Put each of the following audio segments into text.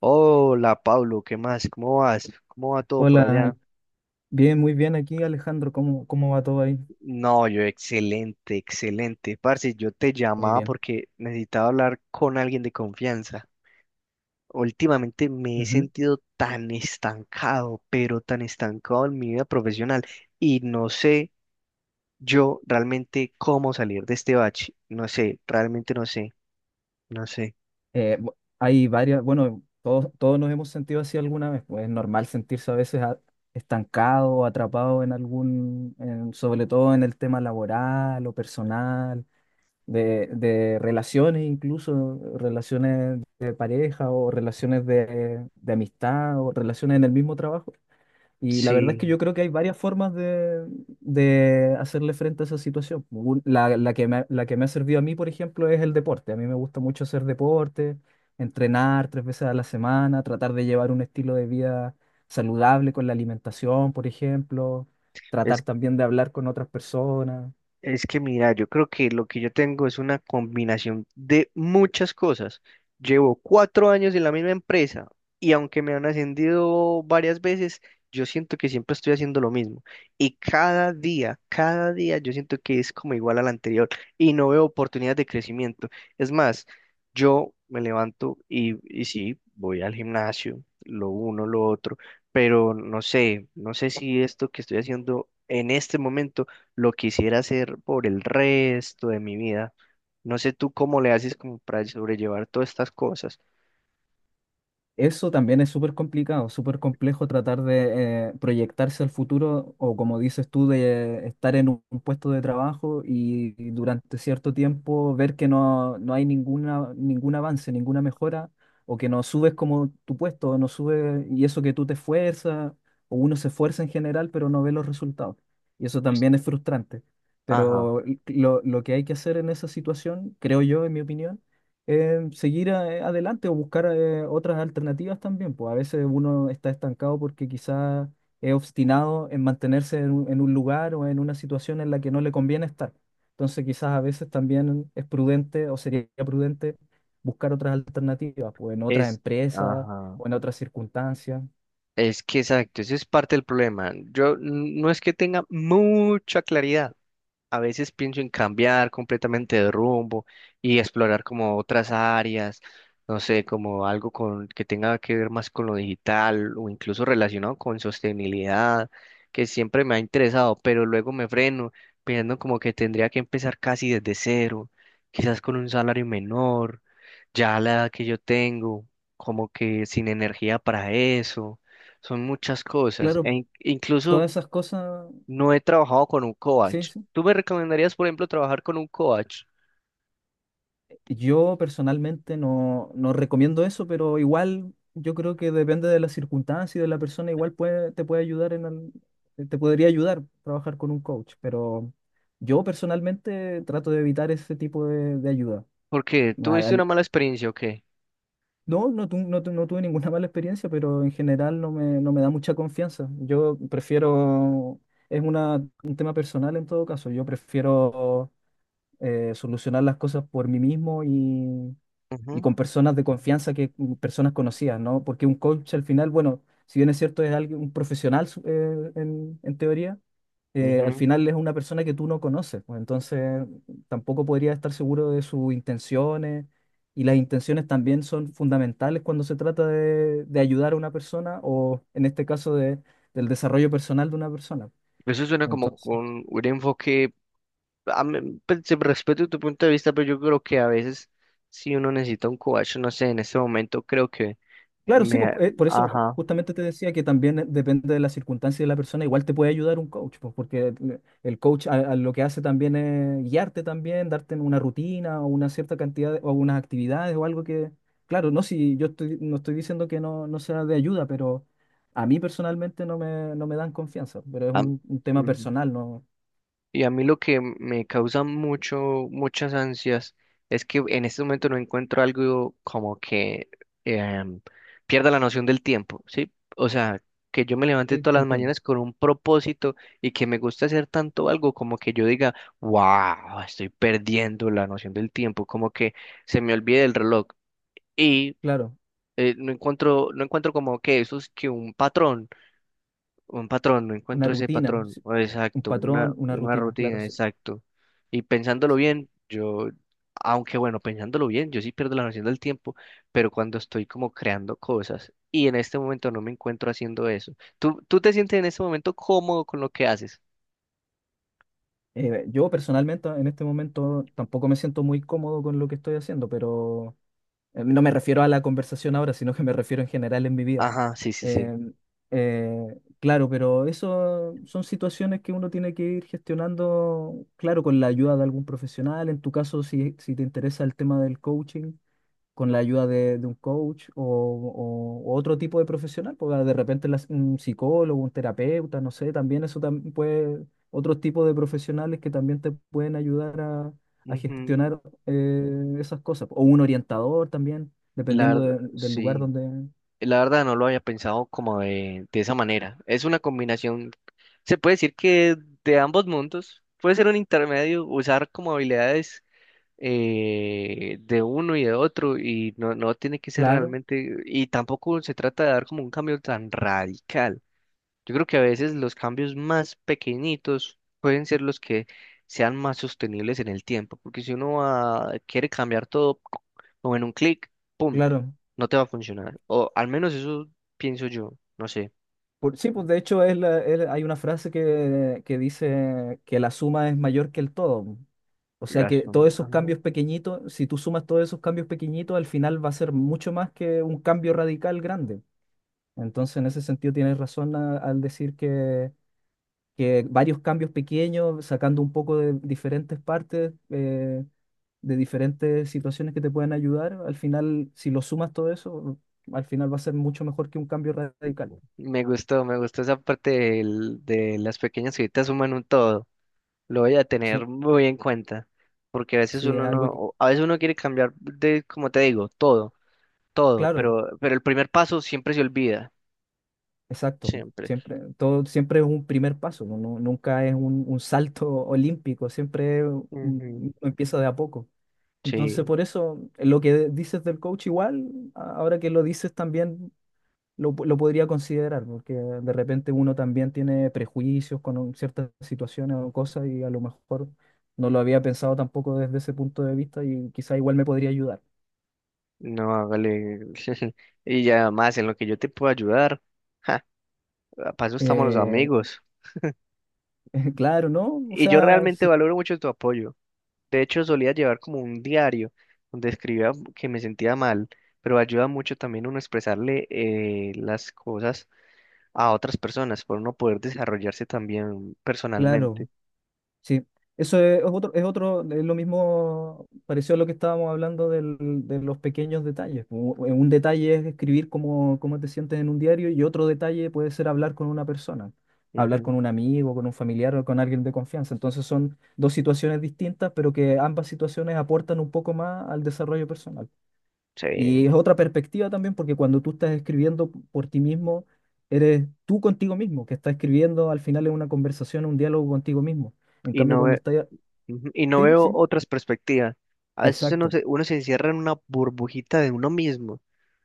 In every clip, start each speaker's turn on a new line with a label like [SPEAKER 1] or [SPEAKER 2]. [SPEAKER 1] Hola Pablo, ¿qué más? ¿Cómo vas? ¿Cómo va todo por
[SPEAKER 2] Hola,
[SPEAKER 1] allá?
[SPEAKER 2] bien, muy bien aquí, Alejandro. ¿Cómo va todo ahí?
[SPEAKER 1] No, yo excelente, excelente. Parce, yo te
[SPEAKER 2] Muy
[SPEAKER 1] llamaba
[SPEAKER 2] bien.
[SPEAKER 1] porque necesitaba hablar con alguien de confianza. Últimamente me he
[SPEAKER 2] Ujú.
[SPEAKER 1] sentido tan estancado, pero tan estancado en mi vida profesional y no sé yo realmente cómo salir de este bache. No sé, realmente no sé, no sé.
[SPEAKER 2] Hay varias, bueno, todos nos hemos sentido así alguna vez, pues es normal sentirse a veces estancado o atrapado en sobre todo en el tema laboral o personal, de relaciones incluso, relaciones de pareja o relaciones de amistad o relaciones en el mismo trabajo. Y la verdad es
[SPEAKER 1] Sí.
[SPEAKER 2] que yo creo que hay varias formas de hacerle frente a esa situación. La que me, la que me ha servido a mí, por ejemplo, es el deporte. A mí me gusta mucho hacer deporte, entrenar tres veces a la semana, tratar de llevar un estilo de vida saludable con la alimentación, por ejemplo, tratar también de hablar con otras personas.
[SPEAKER 1] Es que mira, yo creo que lo que yo tengo es una combinación de muchas cosas. Llevo cuatro años en la misma empresa y aunque me han ascendido varias veces, yo siento que siempre estoy haciendo lo mismo. Y cada día yo siento que es como igual al anterior y no veo oportunidades de crecimiento. Es más, yo me levanto y sí, voy al gimnasio, lo uno, lo otro, pero no sé, no sé si esto que estoy haciendo en este momento lo quisiera hacer por el resto de mi vida. No sé tú cómo le haces como para sobrellevar todas estas cosas.
[SPEAKER 2] Eso también es súper complicado, súper complejo tratar de proyectarse al futuro o como dices tú, de estar en un puesto de trabajo y durante cierto tiempo ver que no, no hay ninguna, ningún avance, ninguna mejora o que no subes como tu puesto, o no sube y eso que tú te esfuerzas o uno se esfuerza en general pero no ve los resultados. Y eso también es frustrante.
[SPEAKER 1] Ajá,
[SPEAKER 2] Pero lo que hay que hacer en esa situación, creo yo, en mi opinión, seguir adelante o buscar otras alternativas también, pues a veces uno está estancado porque quizás es obstinado en mantenerse en un lugar o en una situación en la que no le conviene estar. Entonces quizás a veces también es prudente o sería prudente buscar otras alternativas, pues en otras
[SPEAKER 1] es,
[SPEAKER 2] empresas
[SPEAKER 1] ajá,
[SPEAKER 2] o en otras circunstancias.
[SPEAKER 1] es que exacto, eso es parte del problema. No es que tenga mucha claridad. A veces pienso en cambiar completamente de rumbo y explorar como otras áreas, no sé, como algo que tenga que ver más con lo digital o incluso relacionado con sostenibilidad, que siempre me ha interesado, pero luego me freno pensando como que tendría que empezar casi desde cero, quizás con un salario menor, ya a la edad que yo tengo, como que sin energía para eso, son muchas cosas, e
[SPEAKER 2] Claro,
[SPEAKER 1] incluso
[SPEAKER 2] todas esas cosas,
[SPEAKER 1] no he trabajado con un
[SPEAKER 2] sí,
[SPEAKER 1] coach.
[SPEAKER 2] sí.
[SPEAKER 1] ¿Tú me recomendarías, por ejemplo, trabajar con un coach?
[SPEAKER 2] Yo personalmente no, no recomiendo eso, pero igual yo creo que depende de las circunstancias y de la persona, igual puede, te puede ayudar en te podría ayudar trabajar con un coach, pero yo personalmente trato de evitar ese tipo de ayuda.
[SPEAKER 1] ¿Porque
[SPEAKER 2] Al-
[SPEAKER 1] tuviste una
[SPEAKER 2] al-
[SPEAKER 1] mala experiencia o qué?
[SPEAKER 2] no tuve ninguna mala experiencia, pero en general no me, no me da mucha confianza. Yo prefiero, es un tema personal en todo caso, yo prefiero solucionar las cosas por mí mismo y
[SPEAKER 1] Ujú,
[SPEAKER 2] con personas de confianza que personas conocidas, ¿no? Porque un coach al final, bueno, si bien es cierto, es alguien, en teoría, al
[SPEAKER 1] ujú.
[SPEAKER 2] final es una persona que tú no conoces, pues, entonces tampoco podría estar seguro de sus intenciones y las intenciones también son fundamentales cuando se trata de ayudar a una persona o en este caso de, del desarrollo personal de una persona.
[SPEAKER 1] Eso suena como
[SPEAKER 2] Entonces,
[SPEAKER 1] con un enfoque, a mí, pues, respeto tu punto de vista, pero yo creo que a veces si uno necesita un coach, no sé, en este momento creo que
[SPEAKER 2] claro, sí,
[SPEAKER 1] me,
[SPEAKER 2] pues, por eso
[SPEAKER 1] ajá,
[SPEAKER 2] justamente te decía que también depende de la circunstancia de la persona, igual te puede ayudar un coach, pues, porque el coach a lo que hace también es guiarte también, darte una rutina o una cierta cantidad o unas actividades o algo que, claro, no, si yo estoy, no estoy diciendo que no, no sea de ayuda, pero a mí personalmente no me, no me dan confianza, pero es
[SPEAKER 1] am-
[SPEAKER 2] un tema
[SPEAKER 1] ujú.
[SPEAKER 2] personal, ¿no?
[SPEAKER 1] Y a mí lo que me causa mucho, muchas ansias es que en este momento no encuentro algo como que em, pierda la noción del tiempo, ¿sí? O sea, que yo me levante
[SPEAKER 2] Sí,
[SPEAKER 1] todas
[SPEAKER 2] te
[SPEAKER 1] las
[SPEAKER 2] entiendo.
[SPEAKER 1] mañanas con un propósito y que me gusta hacer tanto algo como que yo diga, wow, estoy perdiendo la noción del tiempo, como que se me olvide el reloj y
[SPEAKER 2] Claro,
[SPEAKER 1] no encuentro, no encuentro como que eso es que un patrón. Un patrón, no
[SPEAKER 2] una
[SPEAKER 1] encuentro ese
[SPEAKER 2] rutina,
[SPEAKER 1] patrón.
[SPEAKER 2] sí,
[SPEAKER 1] O
[SPEAKER 2] un
[SPEAKER 1] exacto,
[SPEAKER 2] patrón, una
[SPEAKER 1] una
[SPEAKER 2] rutina, claro,
[SPEAKER 1] rutina,
[SPEAKER 2] sí.
[SPEAKER 1] exacto. Y pensándolo bien, yo, aunque bueno, pensándolo bien, yo sí pierdo la noción del tiempo, pero cuando estoy como creando cosas y en este momento no me encuentro haciendo eso. ¿Tú, tú te sientes en este momento cómodo con lo que haces?
[SPEAKER 2] Yo personalmente en este momento tampoco me siento muy cómodo con lo que estoy haciendo, pero no me refiero a la conversación ahora, sino que me refiero en general en mi vida.
[SPEAKER 1] Ajá, sí, sí, sí.
[SPEAKER 2] Eh, claro, pero eso son situaciones que uno tiene que ir gestionando, claro, con la ayuda de algún profesional. En tu caso, si, si te interesa el tema del coaching, con la ayuda de un coach o, o otro tipo de profesional, porque de repente un psicólogo, un terapeuta, no sé, también eso también puede, otros tipos de profesionales que también te pueden ayudar a
[SPEAKER 1] Ujú.
[SPEAKER 2] gestionar esas cosas, o un orientador también,
[SPEAKER 1] La
[SPEAKER 2] dependiendo
[SPEAKER 1] verdad,
[SPEAKER 2] del lugar
[SPEAKER 1] sí.
[SPEAKER 2] donde...
[SPEAKER 1] La verdad no lo había pensado como de esa manera. Es una combinación, se puede decir que de ambos mundos. Puede ser un intermedio, usar como habilidades de uno y de otro y no, no tiene que ser
[SPEAKER 2] Claro,
[SPEAKER 1] realmente, y tampoco se trata de dar como un cambio tan radical. Yo creo que a veces los cambios más pequeñitos pueden ser los que sean más sostenibles en el tiempo, porque si uno quiere cambiar todo como en un clic, ¡pum!,
[SPEAKER 2] claro.
[SPEAKER 1] no te va a funcionar. O al menos eso pienso yo, no sé.
[SPEAKER 2] Sí, pues de hecho es hay una frase que dice que la suma es mayor que el todo. O sea
[SPEAKER 1] Las,
[SPEAKER 2] que todos esos
[SPEAKER 1] ajá.
[SPEAKER 2] cambios pequeñitos, si tú sumas todos esos cambios pequeñitos, al final va a ser mucho más que un cambio radical grande. Entonces, en ese sentido, tienes razón al decir que varios cambios pequeños, sacando un poco de diferentes partes, de diferentes situaciones que te pueden ayudar, al final, si lo sumas todo eso, al final va a ser mucho mejor que un cambio radical.
[SPEAKER 1] Me gustó esa parte de las pequeñas cositas suman un todo. Lo voy a
[SPEAKER 2] Sí,
[SPEAKER 1] tener muy en cuenta, porque a veces
[SPEAKER 2] sí, es
[SPEAKER 1] uno no,
[SPEAKER 2] algo que,
[SPEAKER 1] o a veces uno quiere cambiar de, como te digo, todo, todo,
[SPEAKER 2] claro.
[SPEAKER 1] pero el primer paso siempre se olvida.
[SPEAKER 2] Exacto,
[SPEAKER 1] Siempre.
[SPEAKER 2] siempre, todo, siempre es un primer paso, ¿no? Nunca es un salto olímpico, siempre
[SPEAKER 1] Ujú.
[SPEAKER 2] uno empieza de a poco. Entonces,
[SPEAKER 1] Sí,
[SPEAKER 2] por eso, lo que dices del coach igual, ahora que lo dices también lo, lo podría considerar, porque de repente uno también tiene prejuicios con ciertas situaciones o cosas y a lo mejor no lo había pensado tampoco desde ese punto de vista y quizá igual me podría ayudar.
[SPEAKER 1] no, hágale. Y ya más en lo que yo te puedo ayudar. Ja, para eso estamos los
[SPEAKER 2] Eh,
[SPEAKER 1] amigos.
[SPEAKER 2] claro, ¿no? O
[SPEAKER 1] Y yo
[SPEAKER 2] sea,
[SPEAKER 1] realmente
[SPEAKER 2] sí,
[SPEAKER 1] valoro mucho tu apoyo. De hecho, solía llevar como un diario donde escribía que me sentía mal, pero ayuda mucho también uno a expresarle las cosas a otras personas, por uno poder desarrollarse también personalmente.
[SPEAKER 2] claro. Sí, eso es otro, es otro, es lo mismo, pareció a lo que estábamos hablando de los pequeños detalles. Un detalle es escribir cómo te sientes en un diario y otro detalle puede ser hablar con una persona, hablar con
[SPEAKER 1] Ujú.
[SPEAKER 2] un amigo, con un familiar o con alguien de confianza. Entonces son dos situaciones distintas, pero que ambas situaciones aportan un poco más al desarrollo personal.
[SPEAKER 1] Sí,
[SPEAKER 2] Y es otra perspectiva también, porque cuando tú estás escribiendo por ti mismo, eres tú contigo mismo, que estás escribiendo al final es una conversación, un diálogo contigo mismo. En
[SPEAKER 1] y
[SPEAKER 2] cambio,
[SPEAKER 1] no,
[SPEAKER 2] cuando estás...
[SPEAKER 1] ujú, y no
[SPEAKER 2] Sí,
[SPEAKER 1] veo
[SPEAKER 2] sí,
[SPEAKER 1] otras perspectivas. A veces
[SPEAKER 2] exacto,
[SPEAKER 1] uno se encierra en una burbujita de uno mismo.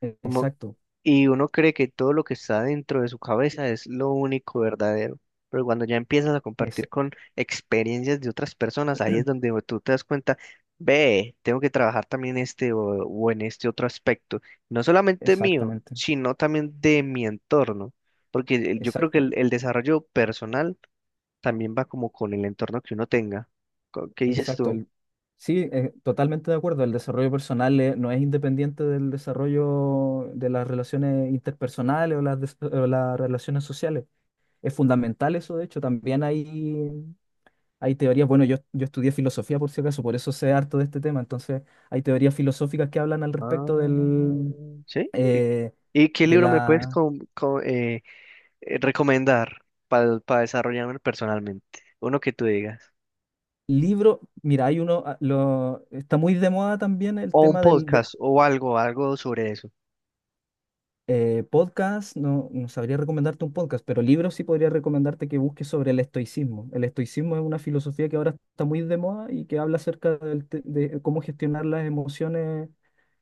[SPEAKER 1] Como,
[SPEAKER 2] exacto,
[SPEAKER 1] y uno cree que todo lo que está dentro de su cabeza es lo único verdadero, pero cuando ya empiezas a
[SPEAKER 2] es,
[SPEAKER 1] compartir con experiencias de otras personas, ahí es donde tú te das cuenta, ve, tengo que trabajar también este o en este otro aspecto, no solamente mío,
[SPEAKER 2] exactamente,
[SPEAKER 1] sino también de mi entorno, porque yo creo que
[SPEAKER 2] exacto,
[SPEAKER 1] el desarrollo personal también va como con el entorno que uno tenga. ¿Qué dices
[SPEAKER 2] exacto.
[SPEAKER 1] tú?
[SPEAKER 2] Sí, totalmente de acuerdo, el desarrollo personal no es independiente del desarrollo de las relaciones interpersonales o las, o las relaciones sociales. Es fundamental eso, de hecho, también ahí hay teorías, bueno, yo estudié filosofía por si acaso, por eso sé harto de este tema, entonces hay teorías filosóficas que hablan al respecto
[SPEAKER 1] Ah,
[SPEAKER 2] del,
[SPEAKER 1] ¿sí?
[SPEAKER 2] eh,
[SPEAKER 1] Y qué
[SPEAKER 2] de
[SPEAKER 1] libro me puedes
[SPEAKER 2] la
[SPEAKER 1] recomendar para desarrollarme personalmente? Uno que tú digas.
[SPEAKER 2] libro. Mira, hay uno, ah, lo, está muy de moda también el
[SPEAKER 1] O un
[SPEAKER 2] tema
[SPEAKER 1] podcast o algo, algo sobre eso.
[SPEAKER 2] podcast, no, no sabría recomendarte un podcast, pero libros sí podría recomendarte que busques sobre el estoicismo. El estoicismo es una filosofía que ahora está muy de moda y que habla acerca de cómo gestionar las emociones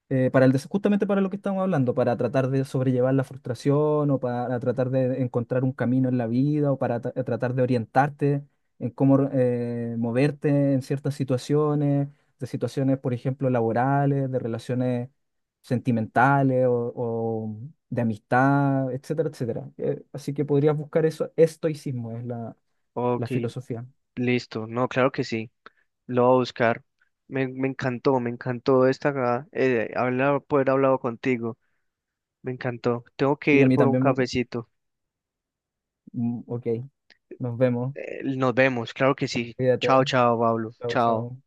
[SPEAKER 2] para justamente para lo que estamos hablando, para tratar de sobrellevar la frustración o para tratar de encontrar un camino en la vida o para tratar de orientarte en cómo moverte en ciertas situaciones, de situaciones, por ejemplo, laborales, de relaciones sentimentales o de amistad, etcétera, etcétera. Así que podrías buscar eso. Estoicismo es la, la
[SPEAKER 1] Ok,
[SPEAKER 2] filosofía.
[SPEAKER 1] listo. No, claro que sí. Lo voy a buscar. Me, me encantó esta, hablar, poder hablado contigo. Me encantó. Tengo que
[SPEAKER 2] Sí, a
[SPEAKER 1] ir
[SPEAKER 2] mí
[SPEAKER 1] por un
[SPEAKER 2] también me...
[SPEAKER 1] cafecito.
[SPEAKER 2] mm, ok, nos vemos.
[SPEAKER 1] Nos vemos, claro que sí.
[SPEAKER 2] Cuídate.
[SPEAKER 1] Chao, chao, Pablo.
[SPEAKER 2] Chao,
[SPEAKER 1] Chao.
[SPEAKER 2] chao.